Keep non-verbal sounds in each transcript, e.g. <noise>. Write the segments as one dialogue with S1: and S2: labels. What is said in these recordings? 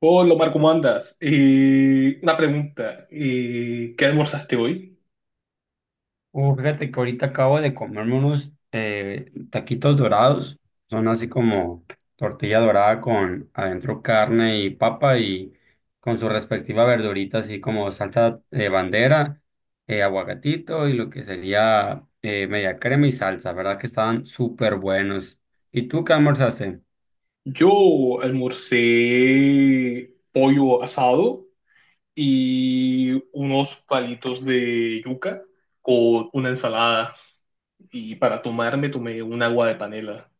S1: Hola Omar, ¿cómo andas? Una pregunta, ¿qué almorzaste hoy?
S2: Fíjate que ahorita acabo de comerme unos taquitos dorados. Son así como tortilla dorada con adentro carne y papa y con su respectiva verdurita, así como salsa de bandera, aguacatito y lo que sería media crema y salsa. ¿Verdad que estaban súper buenos? ¿Y tú qué almorzaste?
S1: Yo almorcé pollo asado y unos palitos de yuca con una ensalada y para tomarme tomé un agua de panela.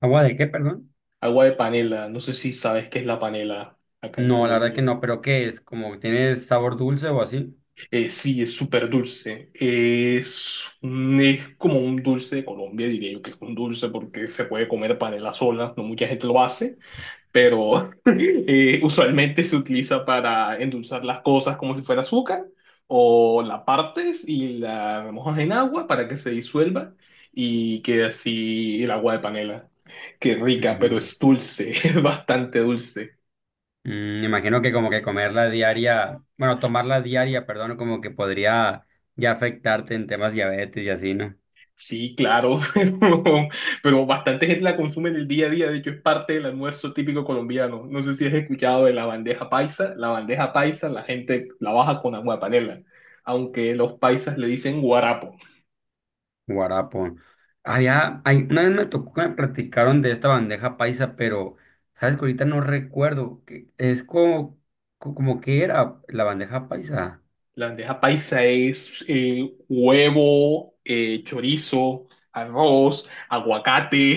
S2: ¿Agua de qué, perdón?
S1: Agua de panela, no sé si sabes qué es la panela acá en
S2: No, la verdad
S1: Colombia.
S2: que no, pero ¿qué es? ¿Como tiene sabor dulce o así?
S1: Sí, es súper dulce. Es, es como un dulce de Colombia, diría yo que es un dulce porque se puede comer panela sola, no mucha gente lo hace, pero <laughs> usualmente se utiliza para endulzar las cosas como si fuera azúcar o la partes y la mojas en agua para que se disuelva y quede así el agua de panela. Qué rica, pero
S2: Ujú.
S1: es dulce, <laughs> es bastante dulce.
S2: Me imagino que como que comerla diaria, bueno, tomarla diaria, perdón, como que podría ya afectarte en temas diabetes y así, ¿no?
S1: Sí, claro, <laughs> pero, pero bastante gente la consume en el día a día, de hecho es parte del almuerzo típico colombiano. No sé si has escuchado de la bandeja paisa, la bandeja paisa la gente la baja con agua de panela, aunque los paisas le dicen guarapo.
S2: Guarapo. Hay una vez me tocó que me platicaron de esta bandeja paisa, pero sabes que ahorita no recuerdo, que es como, como que era la bandeja paisa.
S1: La bandeja paisa es huevo, chorizo, arroz, aguacate,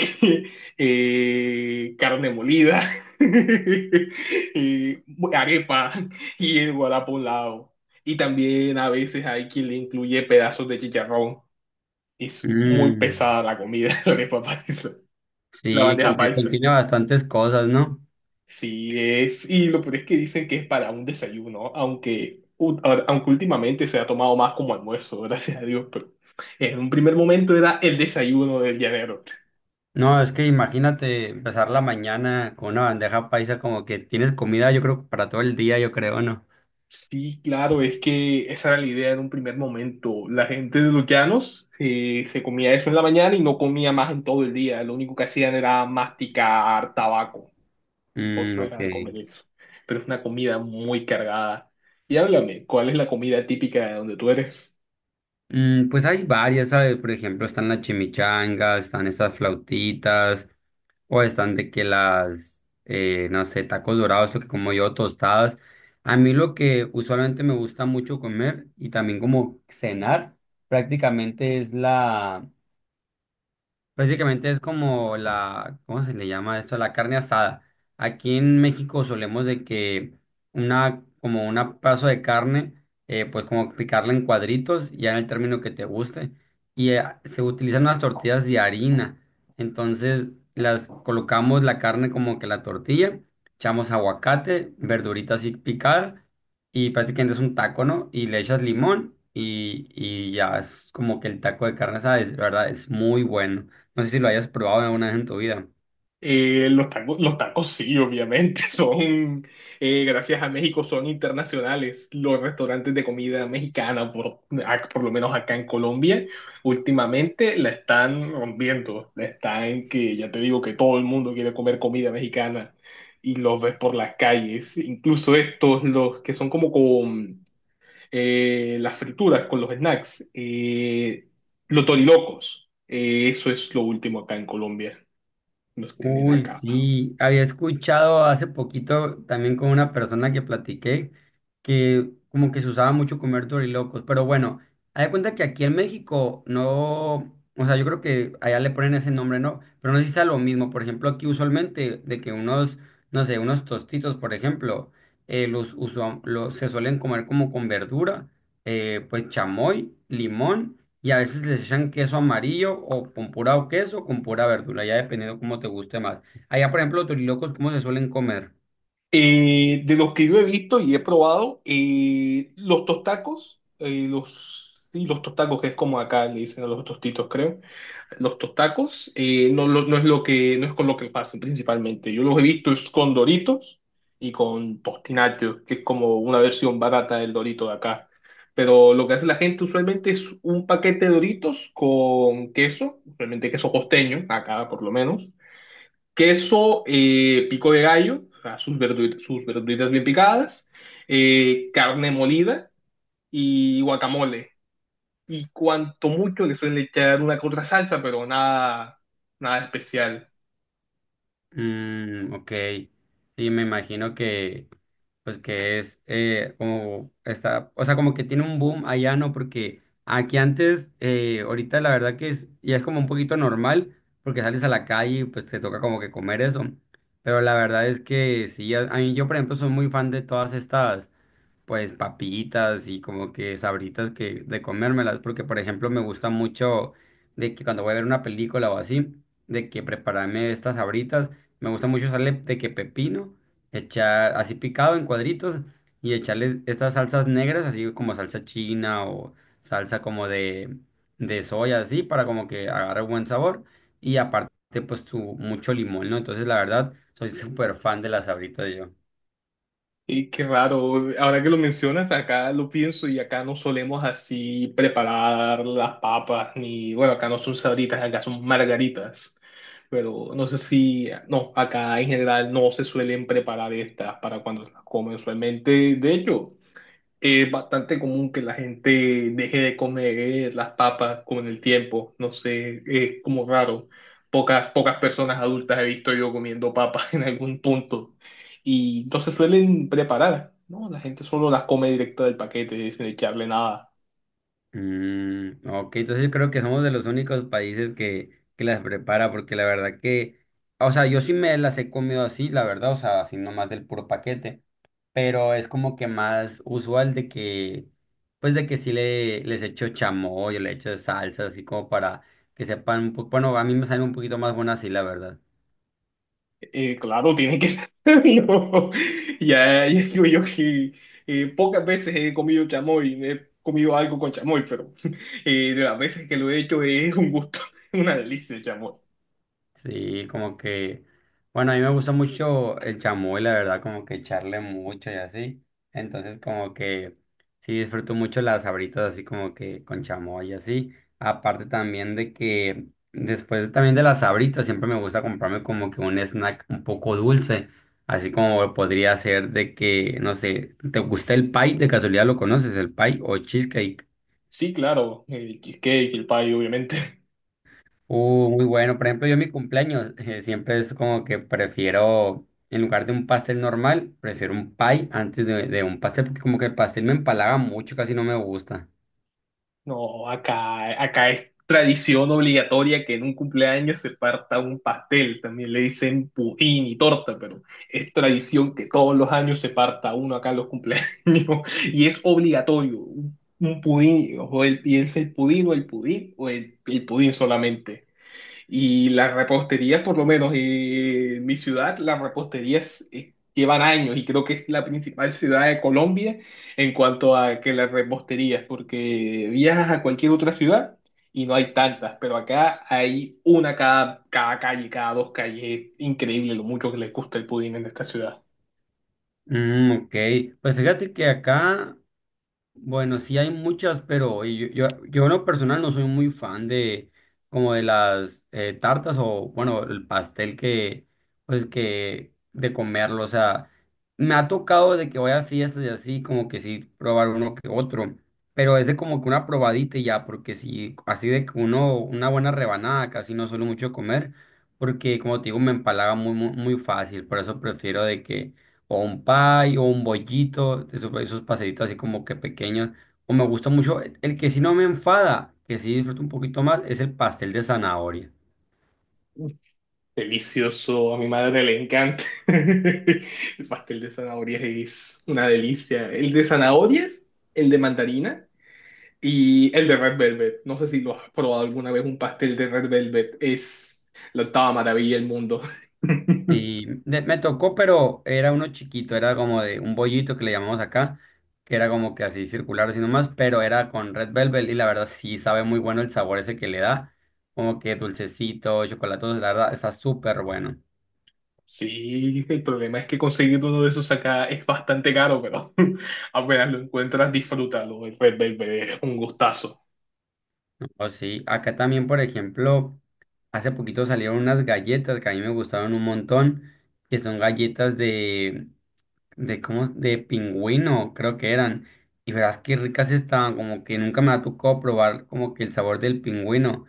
S1: <laughs> carne molida, <laughs> eh, arepa y el guará por un lado. Y también a veces hay quien le incluye pedazos de chicharrón. Es muy
S2: Mm,
S1: pesada la comida, <laughs> la arepa paisa, la
S2: sí,
S1: bandeja
S2: como que
S1: paisa.
S2: contiene bastantes cosas, ¿no?
S1: Sí, es, y lo peor es que dicen que es para un desayuno, aunque, aunque últimamente se ha tomado más como almuerzo, <laughs> gracias a Dios, pero en un primer momento era el desayuno del llanero.
S2: No, es que imagínate empezar la mañana con una bandeja paisa, como que tienes comida, yo creo, para todo el día, yo creo, ¿no?
S1: Sí, claro, es que esa era la idea en un primer momento. La gente de los llanos se comía eso en la mañana y no comía más en todo el día. Lo único que hacían era masticar tabaco, por
S2: Mm,
S1: eso era de
S2: ok.
S1: comer eso. Pero es una comida muy cargada. Y háblame, ¿cuál es la comida típica de donde tú eres?
S2: Pues hay varias, ¿sabes? Por ejemplo, están las chimichangas, están esas flautitas, o están de que las, no sé, tacos dorados o que como yo, tostadas. A mí lo que usualmente me gusta mucho comer y también como cenar prácticamente es la, prácticamente es como la, ¿cómo se le llama esto? La carne asada. Aquí en México solemos de que una, como un pedazo de carne, pues como picarla en cuadritos, ya en el término que te guste. Y se utilizan unas tortillas de harina. Entonces las colocamos la carne como que la tortilla, echamos aguacate, verduritas así picadas, y prácticamente es un taco, ¿no? Y le echas limón y ya es como que el taco de carne asada, es, la verdad, es muy bueno. No sé si lo hayas probado alguna vez en tu vida.
S1: Los tacos, los tacos sí, obviamente, <laughs> son, gracias a México, son internacionales. Los restaurantes de comida mexicana, por lo menos acá en Colombia, últimamente la están rompiendo. La están que, ya te digo, que todo el mundo quiere comer comida mexicana y los ves por las calles. Incluso estos, los que son como con las frituras, con los snacks, los torilocos. Eso es lo último acá en Colombia. Los tienen
S2: Uy,
S1: acá.
S2: sí. Había escuchado hace poquito también con una persona que platiqué que como que se usaba mucho comer dorilocos. Pero bueno, hay de cuenta que aquí en México no. O sea, yo creo que allá le ponen ese nombre, ¿no? Pero no sé si sea lo mismo. Por ejemplo, aquí usualmente de que unos, no sé, unos tostitos, por ejemplo, los, los se suelen comer como con verdura, pues chamoy, limón. Y a veces les echan queso amarillo o con pura o queso o con pura verdura, ya dependiendo cómo te guste más. Allá, por ejemplo, los turilocos, ¿cómo se suelen comer?
S1: De los que yo he visto y he probado, los tostacos, sí, los tostacos, que es como acá le dicen a los tostitos, creo. Los tostacos no, no es lo que, no es con lo que pasan principalmente. Yo los he visto es con Doritos y con Tostinacho, que es como una versión barata del Dorito de acá. Pero lo que hace la gente usualmente es un paquete de Doritos con queso, usualmente queso costeño, acá por lo menos queso, pico de gallo, o sea, sus sus verduritas bien picadas, carne molida y guacamole. Y cuanto mucho le suelen echar una que otra salsa, pero nada, nada especial.
S2: Mm, ok, sí, me imagino que, pues que es como está, o sea, como que tiene un boom allá, ¿no? Porque aquí antes, ahorita la verdad que es, ya es como un poquito normal, porque sales a la calle y pues te toca como que comer eso. Pero la verdad es que sí, a mí yo, por ejemplo, soy muy fan de todas estas, pues papitas y como que sabritas que de comérmelas, porque por ejemplo me gusta mucho de que cuando voy a ver una película o así, de que prepararme estas sabritas, me gusta mucho usarle de que pepino, echar así picado en cuadritos y echarle estas salsas negras, así como salsa china o salsa como de soya, así para como que agarre buen sabor y aparte pues tu mucho limón, ¿no? Entonces la verdad soy súper fan de las sabritas yo.
S1: Y qué raro, ahora que lo mencionas, acá lo pienso y acá no solemos así preparar las papas, ni bueno, acá no son sabritas, acá son margaritas, pero no sé si, no, acá en general no se suelen preparar estas para cuando las comen usualmente, de hecho. Es bastante común que la gente deje de comer las papas con el tiempo. No sé, es como raro. Pocas personas adultas he visto yo comiendo papas <laughs> en algún punto. Y no se suelen preparar, ¿no? La gente solo las come directo del paquete, sin echarle nada.
S2: Mm, ok, entonces creo que somos de los únicos países que las prepara, porque la verdad que, o sea, yo sí me las he comido así, la verdad, o sea, así nomás del puro paquete, pero es como que más usual de que, pues de que sí les echo chamoy, o le echo salsa, así como para que sepan, bueno, a mí me salen un poquito más buenas así, la verdad.
S1: Claro, tiene que ser. <laughs> No. Ya, <laughs> digo yo que pocas veces he comido chamoy, he comido algo con chamoy, pero <laughs> de las veces que lo he hecho es un gusto, <laughs> una delicia el chamoy.
S2: Sí, como que, bueno, a mí me gusta mucho el chamoy, la verdad, como que echarle mucho y así. Entonces, como que sí disfruto mucho las sabritas así como que con chamoy y así. Aparte también de que después también de las sabritas siempre me gusta comprarme como que un snack un poco dulce, así como podría ser de que, no sé, ¿te gusta el pie? De casualidad lo conoces, el pie o cheesecake.
S1: Sí, claro, el cheesecake, el payo, obviamente. <laughs>
S2: Muy bueno. Por ejemplo, yo en mi cumpleaños siempre es como que prefiero, en lugar de un pastel normal, prefiero un pie antes de un pastel, porque como que el pastel me empalaga mucho, casi no me gusta.
S1: No, acá, acá es tradición obligatoria que en un cumpleaños se parta un pastel. También le dicen pudín y torta, pero es tradición que todos los años se parta uno acá en los cumpleaños <laughs> y es obligatorio. Un pudín, y es el pudín o el pudín el pudín solamente. Y las reposterías, por lo menos en mi ciudad, las reposterías llevan años y creo que es la principal ciudad de Colombia en cuanto a que las reposterías, porque viajas a cualquier otra ciudad y no hay tantas, pero acá hay una cada calle, cada dos calles. Increíble lo mucho que les gusta el pudín en esta ciudad.
S2: Mm, ok. Pues fíjate que acá, bueno, sí hay muchas, pero yo en lo personal no soy muy fan de como de las tartas o bueno, el pastel que pues que de comerlo, o sea, me ha tocado de que voy a fiestas y así como que sí probar uno que otro, pero es de como que una probadita y ya, porque si así de que uno una buena rebanada casi no suelo mucho comer, porque como te digo me empalaga muy muy, muy fácil, por eso prefiero de que o un pie, o un bollito, esos paseitos así como que pequeños. O me gusta mucho, el que sí no me enfada, que sí disfruto un poquito más, es el pastel de zanahoria.
S1: Delicioso, a mi madre le encanta. <laughs> El pastel de zanahorias es una delicia. El de zanahorias, el de mandarina. Y el de Red Velvet, no sé si lo has probado alguna vez, un pastel de Red Velvet es la octava maravilla del mundo. <laughs>
S2: Y me tocó, pero era uno chiquito, era como de un bollito que le llamamos acá, que era como que así circular, así nomás, pero era con red velvet y la verdad sí sabe muy bueno el sabor ese que le da, como que dulcecito, chocolatoso, la verdad está súper bueno.
S1: Sí, el problema es que conseguir uno de esos acá es bastante caro, pero <laughs> apenas lo encuentras, disfrútalo. El Red Velvet es un gustazo.
S2: Oh, sí, acá también, por ejemplo, hace poquito salieron unas galletas que a mí me gustaron un montón, que son galletas de, ¿cómo es? De pingüino, creo que eran. Y verás qué ricas estaban, como que nunca me ha tocado probar como que el sabor del pingüino.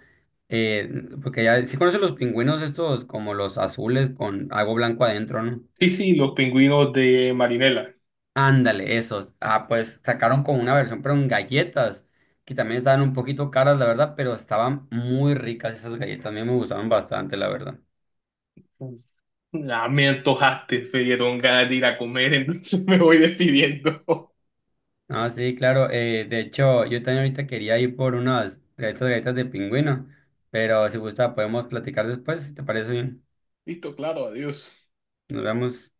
S2: Eh, Porque ya, si conoces los pingüinos estos, como los azules con algo blanco adentro, ¿no?
S1: Sí, sí, los pingüinos de Marinela.
S2: Ándale, esos. Ah, pues sacaron con una versión, pero en galletas, que también estaban un poquito caras, la verdad, pero estaban muy ricas esas galletas. A mí me gustaban bastante, la verdad.
S1: Ah, me antojaste, me dieron ganas de ir a comer, entonces <laughs> me voy despidiendo.
S2: Ah, sí, claro. De hecho, yo también ahorita quería ir por unas galletas, galletas de pingüino, pero si gusta podemos platicar después, si te parece bien.
S1: <laughs> Listo, claro, adiós.
S2: Nos vemos.